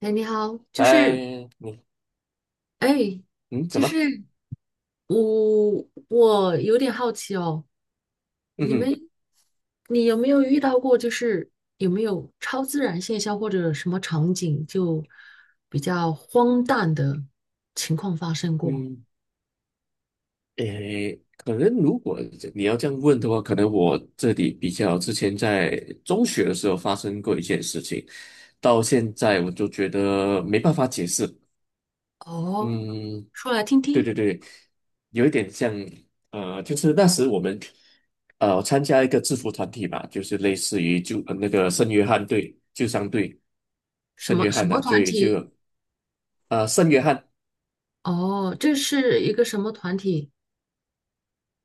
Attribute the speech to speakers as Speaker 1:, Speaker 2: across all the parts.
Speaker 1: 哎，你好，就是，
Speaker 2: 哎，你
Speaker 1: 哎，
Speaker 2: 嗯怎
Speaker 1: 就是
Speaker 2: 么？
Speaker 1: 我有点好奇哦，
Speaker 2: 嗯
Speaker 1: 你们，
Speaker 2: 哼
Speaker 1: 你有没有遇到过，就是有没有超自然现象或者什么场景就比较荒诞的情况发生过？
Speaker 2: 嗯，诶，可能如果你要这样问的话，可能我这里比较之前在中学的时候发生过一件事情，到现在我就觉得没办法解释。
Speaker 1: 哦，
Speaker 2: 嗯，
Speaker 1: 说来听
Speaker 2: 对
Speaker 1: 听，
Speaker 2: 对对，有一点像，就是那时我们参加一个制服团体吧，就是类似于那个圣约翰队、救伤队、
Speaker 1: 什
Speaker 2: 圣
Speaker 1: 么
Speaker 2: 约
Speaker 1: 什
Speaker 2: 翰
Speaker 1: 么
Speaker 2: 的，所
Speaker 1: 团
Speaker 2: 以
Speaker 1: 体？
Speaker 2: 圣约翰。
Speaker 1: 哦，这是一个什么团体？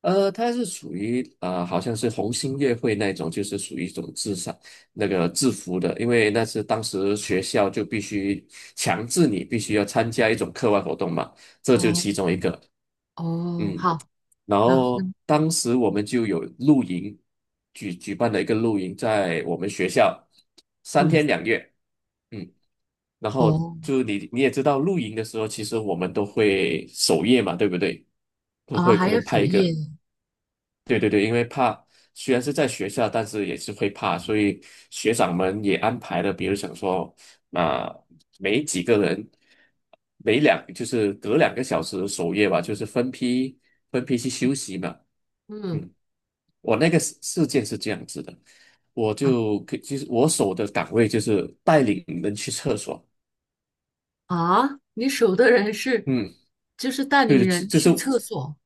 Speaker 2: 它是属于好像是红星乐会那种，就是属于一种那个制服的，因为那是当时学校就必须强制你必须要参加一种课外活动嘛，这就
Speaker 1: 哦
Speaker 2: 其中一个。
Speaker 1: 哦，
Speaker 2: 嗯，
Speaker 1: 好，
Speaker 2: 然
Speaker 1: 然后
Speaker 2: 后当时我们就有露营，举办了一个露营，在我们学校三
Speaker 1: 嗯，
Speaker 2: 天两夜。嗯，然后
Speaker 1: 哦
Speaker 2: 就你也知道，露营的时候，其实我们都会守夜嘛，对不对？都
Speaker 1: 啊，
Speaker 2: 会
Speaker 1: 还
Speaker 2: 可
Speaker 1: 有
Speaker 2: 能拍
Speaker 1: 首
Speaker 2: 一
Speaker 1: 页，
Speaker 2: 个。对对对，因为怕虽然是在学校，但是也是会怕，所以学长们也安排了，比如想说，啊、每几个人，每两就是隔2个小时的守夜吧，就是分批去休息嘛。
Speaker 1: 嗯。
Speaker 2: 嗯，我那个事件是这样子的，我
Speaker 1: 啊。
Speaker 2: 其实我守的岗位就是带领人去厕所。
Speaker 1: 啊，你守的人是，
Speaker 2: 嗯，
Speaker 1: 就是带领
Speaker 2: 对，这
Speaker 1: 人
Speaker 2: 这是。
Speaker 1: 去厕所，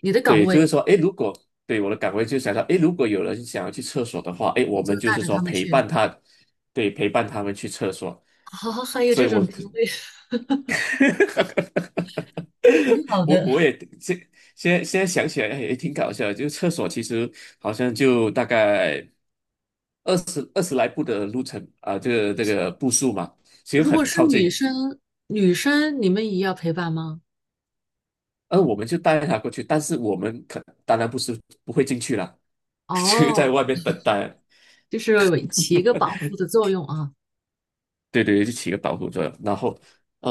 Speaker 1: 你的岗
Speaker 2: 对，就是
Speaker 1: 位
Speaker 2: 说，哎，如果对我的岗位就想到，哎，如果有人想要去厕所的话，哎，我
Speaker 1: 你
Speaker 2: 们
Speaker 1: 就
Speaker 2: 就
Speaker 1: 带
Speaker 2: 是
Speaker 1: 着
Speaker 2: 说
Speaker 1: 他们
Speaker 2: 陪伴
Speaker 1: 去。
Speaker 2: 他，对，陪伴他们去厕所。
Speaker 1: 啊，还有
Speaker 2: 所以
Speaker 1: 这种
Speaker 2: 我
Speaker 1: 职位，挺好
Speaker 2: 我
Speaker 1: 的。
Speaker 2: 也现在想起来哎也挺搞笑的就是厕所其实好像就大概20来步的路程啊，这个步数嘛，其实
Speaker 1: 如
Speaker 2: 很
Speaker 1: 果是
Speaker 2: 靠
Speaker 1: 女
Speaker 2: 近。
Speaker 1: 生，你们也要陪伴吗？
Speaker 2: 而我们就带他过去，但是我们当然不是不会进去了，就在
Speaker 1: 哦，
Speaker 2: 外面等待。
Speaker 1: 就是起一个保护的作用啊。
Speaker 2: 对对，就起个保护作用。然后，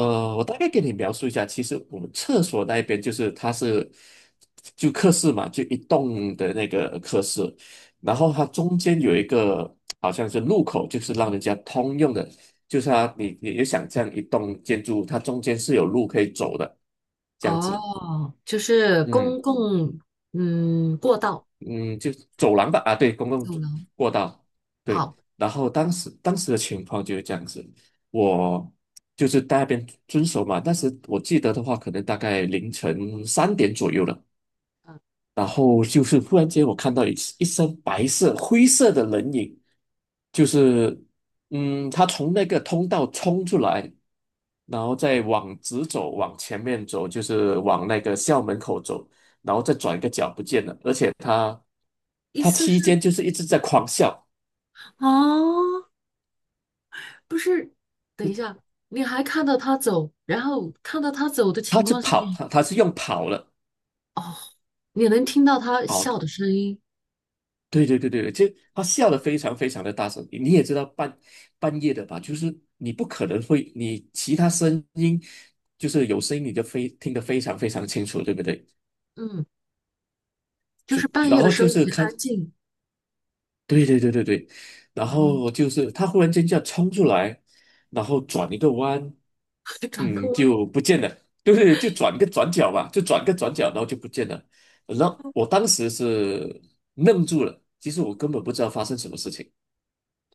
Speaker 1: 好
Speaker 2: 我大概给你描述一下，其实我们厕所那一边就是它是就客室嘛，就一栋的那个客室，然后它中间有一个好像是入口，就是让人家通用的，就是它你也想象一栋建筑，它中间是有路可以走的，这样子。
Speaker 1: 哦，就是
Speaker 2: 嗯。
Speaker 1: 公共过道
Speaker 2: 嗯，就走廊吧，啊，对，公共
Speaker 1: 走
Speaker 2: 走
Speaker 1: 廊。
Speaker 2: 过道，对。
Speaker 1: 好，
Speaker 2: 然后当时的情况就是这样子，我就是在那边遵守嘛。但是我记得的话，可能大概凌晨3点左右了。
Speaker 1: 嗯，
Speaker 2: 然后就是忽然间，我看到一身白色、灰色的人影，就是他从那个通道冲出来，然后再往直走，往前面走，就是往那个校门口走，然后再转一个角不见了。而且他
Speaker 1: 意
Speaker 2: 他
Speaker 1: 思
Speaker 2: 期间
Speaker 1: 是
Speaker 2: 就是一直在狂笑，
Speaker 1: 哦，不是，等一下，你还看到他走，然后看到他走的
Speaker 2: 他
Speaker 1: 情
Speaker 2: 是
Speaker 1: 况下，
Speaker 2: 跑，他是用跑了
Speaker 1: 哦，你能听到他
Speaker 2: 跑的
Speaker 1: 笑的声音，
Speaker 2: 对对对对对，就他笑得非常非常的大声。你也知道半夜的吧，就是你不可能会，你其他声音就是有声音你就非听得非常非常清楚，对不对？
Speaker 1: 嗯，就
Speaker 2: 就
Speaker 1: 是半
Speaker 2: 然
Speaker 1: 夜的
Speaker 2: 后
Speaker 1: 时候
Speaker 2: 就是
Speaker 1: 很
Speaker 2: 看
Speaker 1: 安静，
Speaker 2: 对对对对对，然
Speaker 1: 哦，
Speaker 2: 后就是他忽然间这样冲出来，然后转一个弯，
Speaker 1: 转过
Speaker 2: 就不见了，对是就转个转角吧，就转个转角，然后就不见了。然后我当时是愣住了，其实我根本不知道发生什么事情，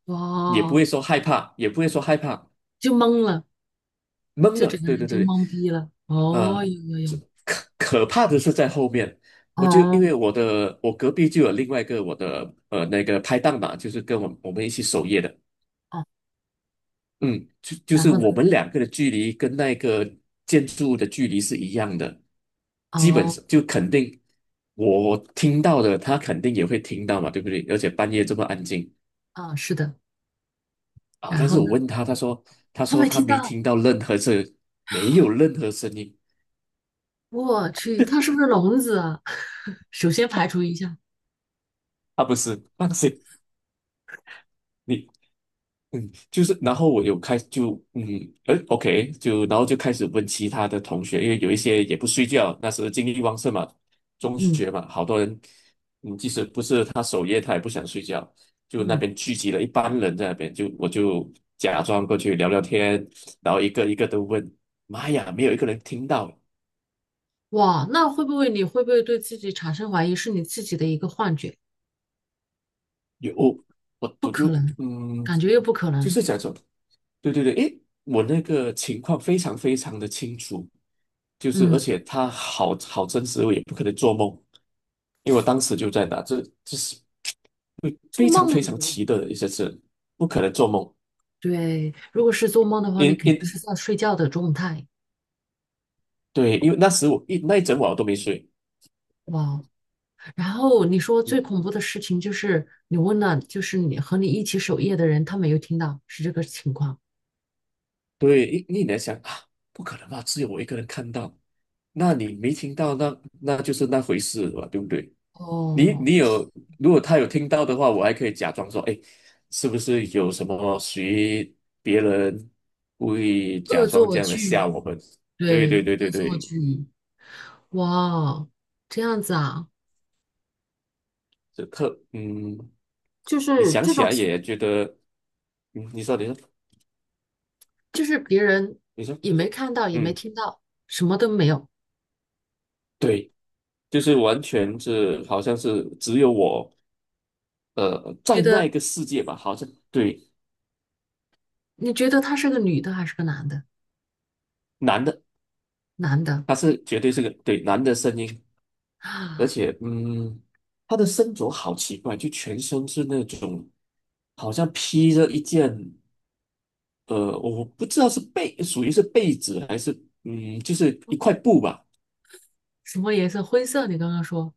Speaker 1: 弯，
Speaker 2: 也不
Speaker 1: 哇，
Speaker 2: 会说害怕，也不会说害怕，
Speaker 1: 就懵了，
Speaker 2: 懵
Speaker 1: 就整
Speaker 2: 了。
Speaker 1: 个
Speaker 2: 对
Speaker 1: 人
Speaker 2: 对
Speaker 1: 就
Speaker 2: 对，
Speaker 1: 懵逼了，
Speaker 2: 呃，
Speaker 1: 哦，有有
Speaker 2: 这
Speaker 1: 有，
Speaker 2: 可怕的是在后面，我就因
Speaker 1: 哦
Speaker 2: 为我的我隔壁就有另外一个我的那个拍档嘛，就是跟我们一起守夜的。
Speaker 1: 哦，
Speaker 2: 嗯，就
Speaker 1: 然
Speaker 2: 是
Speaker 1: 后呢，
Speaker 2: 我们两个的距离跟那个建筑物的距离是一样的，基本
Speaker 1: 哦
Speaker 2: 上就肯定我听到的，他肯定也会听到嘛，对不对？而且半夜这么安静
Speaker 1: 啊，是的，
Speaker 2: 啊，
Speaker 1: 然
Speaker 2: 但
Speaker 1: 后
Speaker 2: 是我
Speaker 1: 呢，
Speaker 2: 问他，他
Speaker 1: 他
Speaker 2: 说
Speaker 1: 没
Speaker 2: 他
Speaker 1: 听
Speaker 2: 没
Speaker 1: 到，
Speaker 2: 听到任何声，没有任何声音，
Speaker 1: 我去，他是不是聋子啊？首先排除一下，
Speaker 2: 啊，不是，放心，你就是，然后我有开就嗯，哎，OK，就然后就开始问其他的同学，因为有一些也不睡觉，那时候精力旺盛嘛，中
Speaker 1: 嗯
Speaker 2: 学嘛，好多人，即使不是他守夜，他也不想睡觉，就那
Speaker 1: 嗯。
Speaker 2: 边聚集了一帮人在那边，就我就假装过去聊聊天，然后一个一个都问，妈呀，没有一个人听到，
Speaker 1: 哇，那会不会你会不会对自己产生怀疑，是你自己的一个幻觉？
Speaker 2: 有
Speaker 1: 不
Speaker 2: 我
Speaker 1: 可
Speaker 2: 就
Speaker 1: 能，
Speaker 2: 嗯，
Speaker 1: 感觉又不可
Speaker 2: 就
Speaker 1: 能。
Speaker 2: 是假装，对对对，诶，我那个情况非常非常的清楚。就是而
Speaker 1: 嗯，
Speaker 2: 且他好真实，我也不可能做梦，因为我当时就在那，这是会
Speaker 1: 做
Speaker 2: 非
Speaker 1: 梦，
Speaker 2: 常非常奇特的一些事，不可能做梦。
Speaker 1: 对，如果是做梦的话，你
Speaker 2: 因
Speaker 1: 肯定是
Speaker 2: 因
Speaker 1: 在睡觉的状态。
Speaker 2: 对，因为那时那一整晚我都没睡。
Speaker 1: 哇哦，然后你说
Speaker 2: 嗯，
Speaker 1: 最恐怖的事情就是你问了，就是你和你一起守夜的人，他没有听到，是这个情况。
Speaker 2: 对，你在想啊，不可能吧？只有我一个人看到，那你没听到，那就是那回事了吧，对不对？你
Speaker 1: 哦，
Speaker 2: 你有，如果他有听到的话，我还可以假装说，哎，是不是有什么谁别人故意假
Speaker 1: 恶
Speaker 2: 装
Speaker 1: 作
Speaker 2: 这样的
Speaker 1: 剧，
Speaker 2: 吓我们？对
Speaker 1: 对，
Speaker 2: 对对
Speaker 1: 恶
Speaker 2: 对
Speaker 1: 作
Speaker 2: 对，
Speaker 1: 剧。哇哦，这样子啊，
Speaker 2: 这特嗯，
Speaker 1: 就
Speaker 2: 你
Speaker 1: 是
Speaker 2: 想
Speaker 1: 这
Speaker 2: 起
Speaker 1: 种
Speaker 2: 来
Speaker 1: 情
Speaker 2: 也觉得，你说你说
Speaker 1: 就是别人
Speaker 2: 你说，
Speaker 1: 也没看到，也没
Speaker 2: 嗯，
Speaker 1: 听到，什么都没有。
Speaker 2: 对，就是完全是好像是只有我，
Speaker 1: 觉
Speaker 2: 在那
Speaker 1: 得
Speaker 2: 一个世界吧，好像对
Speaker 1: 你觉得他是个女的还是个男的？
Speaker 2: 男的
Speaker 1: 男的
Speaker 2: 他是绝对是个对男的声音，而
Speaker 1: 啊，
Speaker 2: 且，他的身着好奇怪，就全身是那种好像披着一件，我不知道是被属于是被子还是，就是一块布吧，
Speaker 1: 什么颜色？灰色。你刚刚说，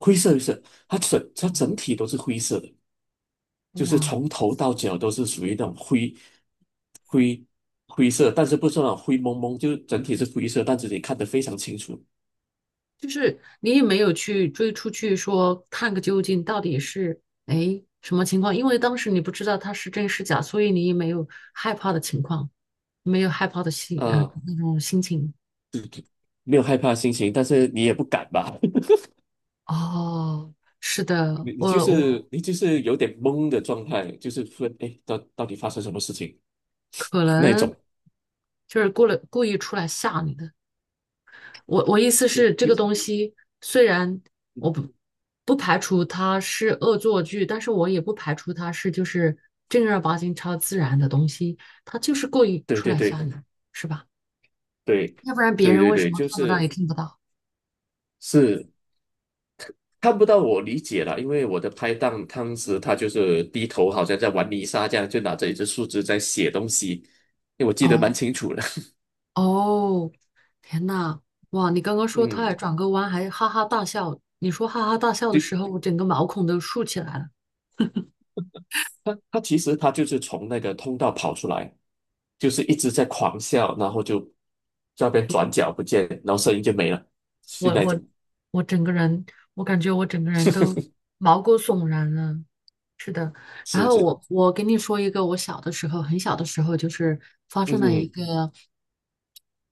Speaker 2: 灰色的色，它整体都是灰色的，就是
Speaker 1: 哇，
Speaker 2: 从头到脚都是属于那种灰灰色，但是不是那种灰蒙蒙，就是整体是灰色，但是你看得非常清楚，
Speaker 1: 就是你也没有去追出去说看个究竟，到底是哎什么情况？因为当时你不知道他是真是假，所以你也没有害怕的情况，没有害怕的
Speaker 2: 呃，
Speaker 1: 那种心情。
Speaker 2: 没有害怕的心情，但是你也不敢吧。
Speaker 1: 哦，是的，我我
Speaker 2: 你就是有点懵的状态，就是突然哎，诶到底发生什么事情
Speaker 1: 可
Speaker 2: 那
Speaker 1: 能
Speaker 2: 种，
Speaker 1: 就是过了故意出来吓你的。我意思
Speaker 2: 就
Speaker 1: 是，这
Speaker 2: 就
Speaker 1: 个东西虽然我
Speaker 2: 嗯，
Speaker 1: 不排除它是恶作剧，但是我也不排除它是就是正儿八经超自然的东西，它就是故意
Speaker 2: 对
Speaker 1: 出
Speaker 2: 对
Speaker 1: 来
Speaker 2: 对
Speaker 1: 吓你，是吧？
Speaker 2: 对
Speaker 1: 要不然别
Speaker 2: 对
Speaker 1: 人
Speaker 2: 对
Speaker 1: 为什
Speaker 2: 对，
Speaker 1: 么
Speaker 2: 就
Speaker 1: 看不到也
Speaker 2: 是
Speaker 1: 听不到？
Speaker 2: 是看不到我理解了，因为我的拍档当时他就是低头，好像在玩泥沙这样，就拿着一只树枝在写东西，因为我记得蛮
Speaker 1: 哦
Speaker 2: 清楚的。
Speaker 1: 哦，天呐，哇！你刚刚 说他
Speaker 2: 嗯，
Speaker 1: 还转个弯还哈哈大笑，你说哈哈大笑的
Speaker 2: 对，
Speaker 1: 时候，我整个毛孔都竖起来了，
Speaker 2: 他其实他就是从那个通道跑出来，就是一直在狂笑，然后就在那边转角不见，然后声音就没了，是
Speaker 1: 我
Speaker 2: 那
Speaker 1: 我
Speaker 2: 种。
Speaker 1: 我整个人，我感觉我整个人 都毛骨悚然了。然
Speaker 2: 是
Speaker 1: 后
Speaker 2: 是，
Speaker 1: 我跟你说一个我小的时候很小的时候就是发
Speaker 2: 嗯
Speaker 1: 生了一
Speaker 2: 哼
Speaker 1: 个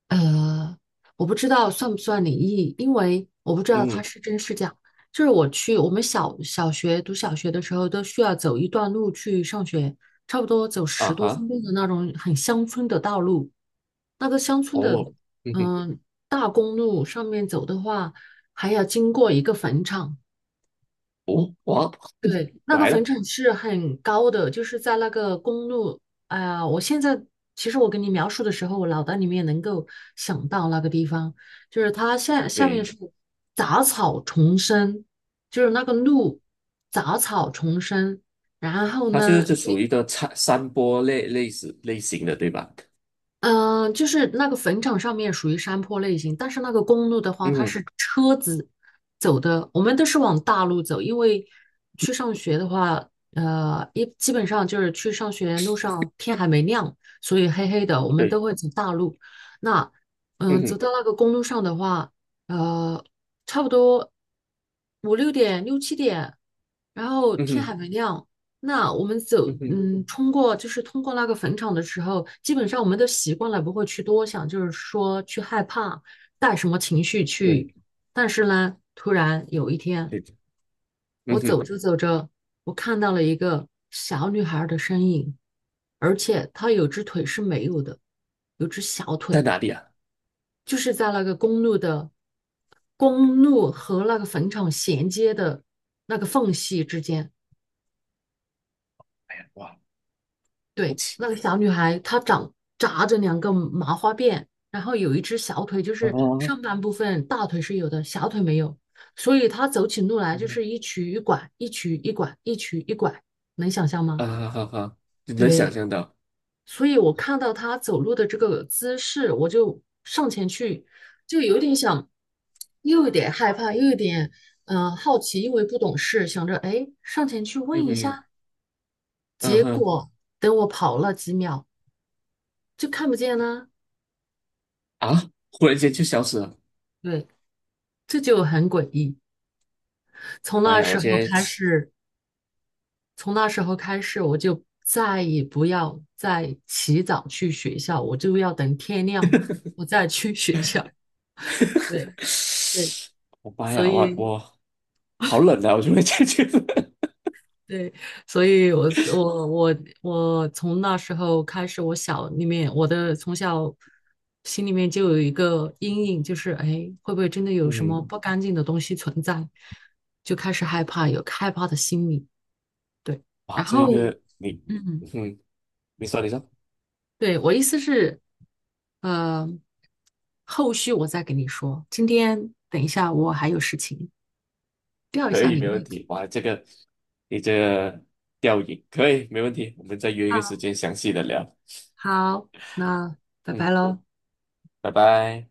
Speaker 1: 呃，我不知道算不算灵异，因为我不知道它
Speaker 2: 嗯
Speaker 1: 是真是假。就是我们小学读小学的时候都需要走一段路去上学，差不多走
Speaker 2: 啊
Speaker 1: 十多分
Speaker 2: 哈，
Speaker 1: 钟的那种很乡村的道路。那个乡村的
Speaker 2: 哦，嗯哼，
Speaker 1: 嗯、大公路上面走的话，还要经过一个坟场。
Speaker 2: 哦，哇，
Speaker 1: 对，那个
Speaker 2: 来
Speaker 1: 坟
Speaker 2: 了，
Speaker 1: 场是很高的，就是在那个公路。哎呀，我现在其实我跟你描述的时候，我脑袋里面能够想到那个地方，就是它下面
Speaker 2: 对，
Speaker 1: 是杂草丛生，就是那个路杂草丛生，然后
Speaker 2: 它就是
Speaker 1: 呢，
Speaker 2: 这属于一个山坡类似类型的，对吧？
Speaker 1: 就是那个坟场上面属于山坡类型，但是那个公路的话，
Speaker 2: 嗯
Speaker 1: 它
Speaker 2: 哼，
Speaker 1: 是车子走的，我们都是往大路走，因为去上学的话，基本上就是去上学路上天还没亮，所以黑黑的，我们都
Speaker 2: 对，
Speaker 1: 会走大路。那
Speaker 2: 嗯
Speaker 1: 走
Speaker 2: 哼，
Speaker 1: 到那个公路上的话，呃，差不多5、6点、6、7点，然后
Speaker 2: 嗯
Speaker 1: 天
Speaker 2: 哼，
Speaker 1: 还没亮，那我们走，
Speaker 2: 嗯哼，
Speaker 1: 就是通过那个坟场的时候，基本上我们都习惯了，不会去多想，就是说去害怕，带什么情绪
Speaker 2: 对，
Speaker 1: 去。但是呢，突然有一天，
Speaker 2: 对，嗯
Speaker 1: 我走
Speaker 2: 哼，
Speaker 1: 着走着，我看到了一个小女孩的身影，而且她有只腿是没有的，有只小
Speaker 2: 在
Speaker 1: 腿，
Speaker 2: 哪里啊？
Speaker 1: 就是在公路和那个坟场衔接的那个缝隙之间。
Speaker 2: 哇，不
Speaker 1: 对，
Speaker 2: 起
Speaker 1: 那个小女孩她长扎着两个麻花辫，然后有一只小腿，就是
Speaker 2: 啊
Speaker 1: 上半部分大腿是有的，小腿没有，所以她走起路来就是一瘸一拐，一瘸一拐，一瘸一拐，能想象吗？
Speaker 2: 啊哈哈，哈你能想
Speaker 1: 对，
Speaker 2: 象到，
Speaker 1: 所以我看到她走路的这个姿势，我就上前去，就有点想，又有点害怕，又有点好奇，因为不懂事，想着哎上前去问
Speaker 2: 嗯
Speaker 1: 一
Speaker 2: 哼，
Speaker 1: 下，
Speaker 2: 嗯
Speaker 1: 结
Speaker 2: 哼，
Speaker 1: 果等我跑了几秒就看不见了。
Speaker 2: 啊，忽然间就消失了，
Speaker 1: 对，这就很诡异。从
Speaker 2: 妈
Speaker 1: 那
Speaker 2: 呀，我
Speaker 1: 时
Speaker 2: 今
Speaker 1: 候
Speaker 2: 天，
Speaker 1: 开始，从那时候开始，我就再也不要再起早去学校，我就要等天亮我再去学校。对 对，
Speaker 2: 我妈
Speaker 1: 所
Speaker 2: 呀，
Speaker 1: 以
Speaker 2: 我好冷啊，我就会 这样觉得，
Speaker 1: 对，所以我从那时候开始，我小里面我的从小心里面就有一个阴影，就是哎，会不会真的 有什么
Speaker 2: 嗯。
Speaker 1: 不干净的东西存在？就开始害怕，有害怕的心理。对。
Speaker 2: 哇，
Speaker 1: 然
Speaker 2: 这
Speaker 1: 后
Speaker 2: 个你，
Speaker 1: 嗯，
Speaker 2: 嗯，你说你说，
Speaker 1: 对，我意思是，呃，后续我再给你说。今天等一下，我还有事情，吊一
Speaker 2: 可
Speaker 1: 下
Speaker 2: 以，
Speaker 1: 你胃
Speaker 2: 没问
Speaker 1: 口。
Speaker 2: 题。哇，这个你这个吊影可以，没问题。我们再约一个时
Speaker 1: 好，
Speaker 2: 间详细的聊。
Speaker 1: 好，那拜拜
Speaker 2: 嗯，
Speaker 1: 喽。
Speaker 2: 拜拜。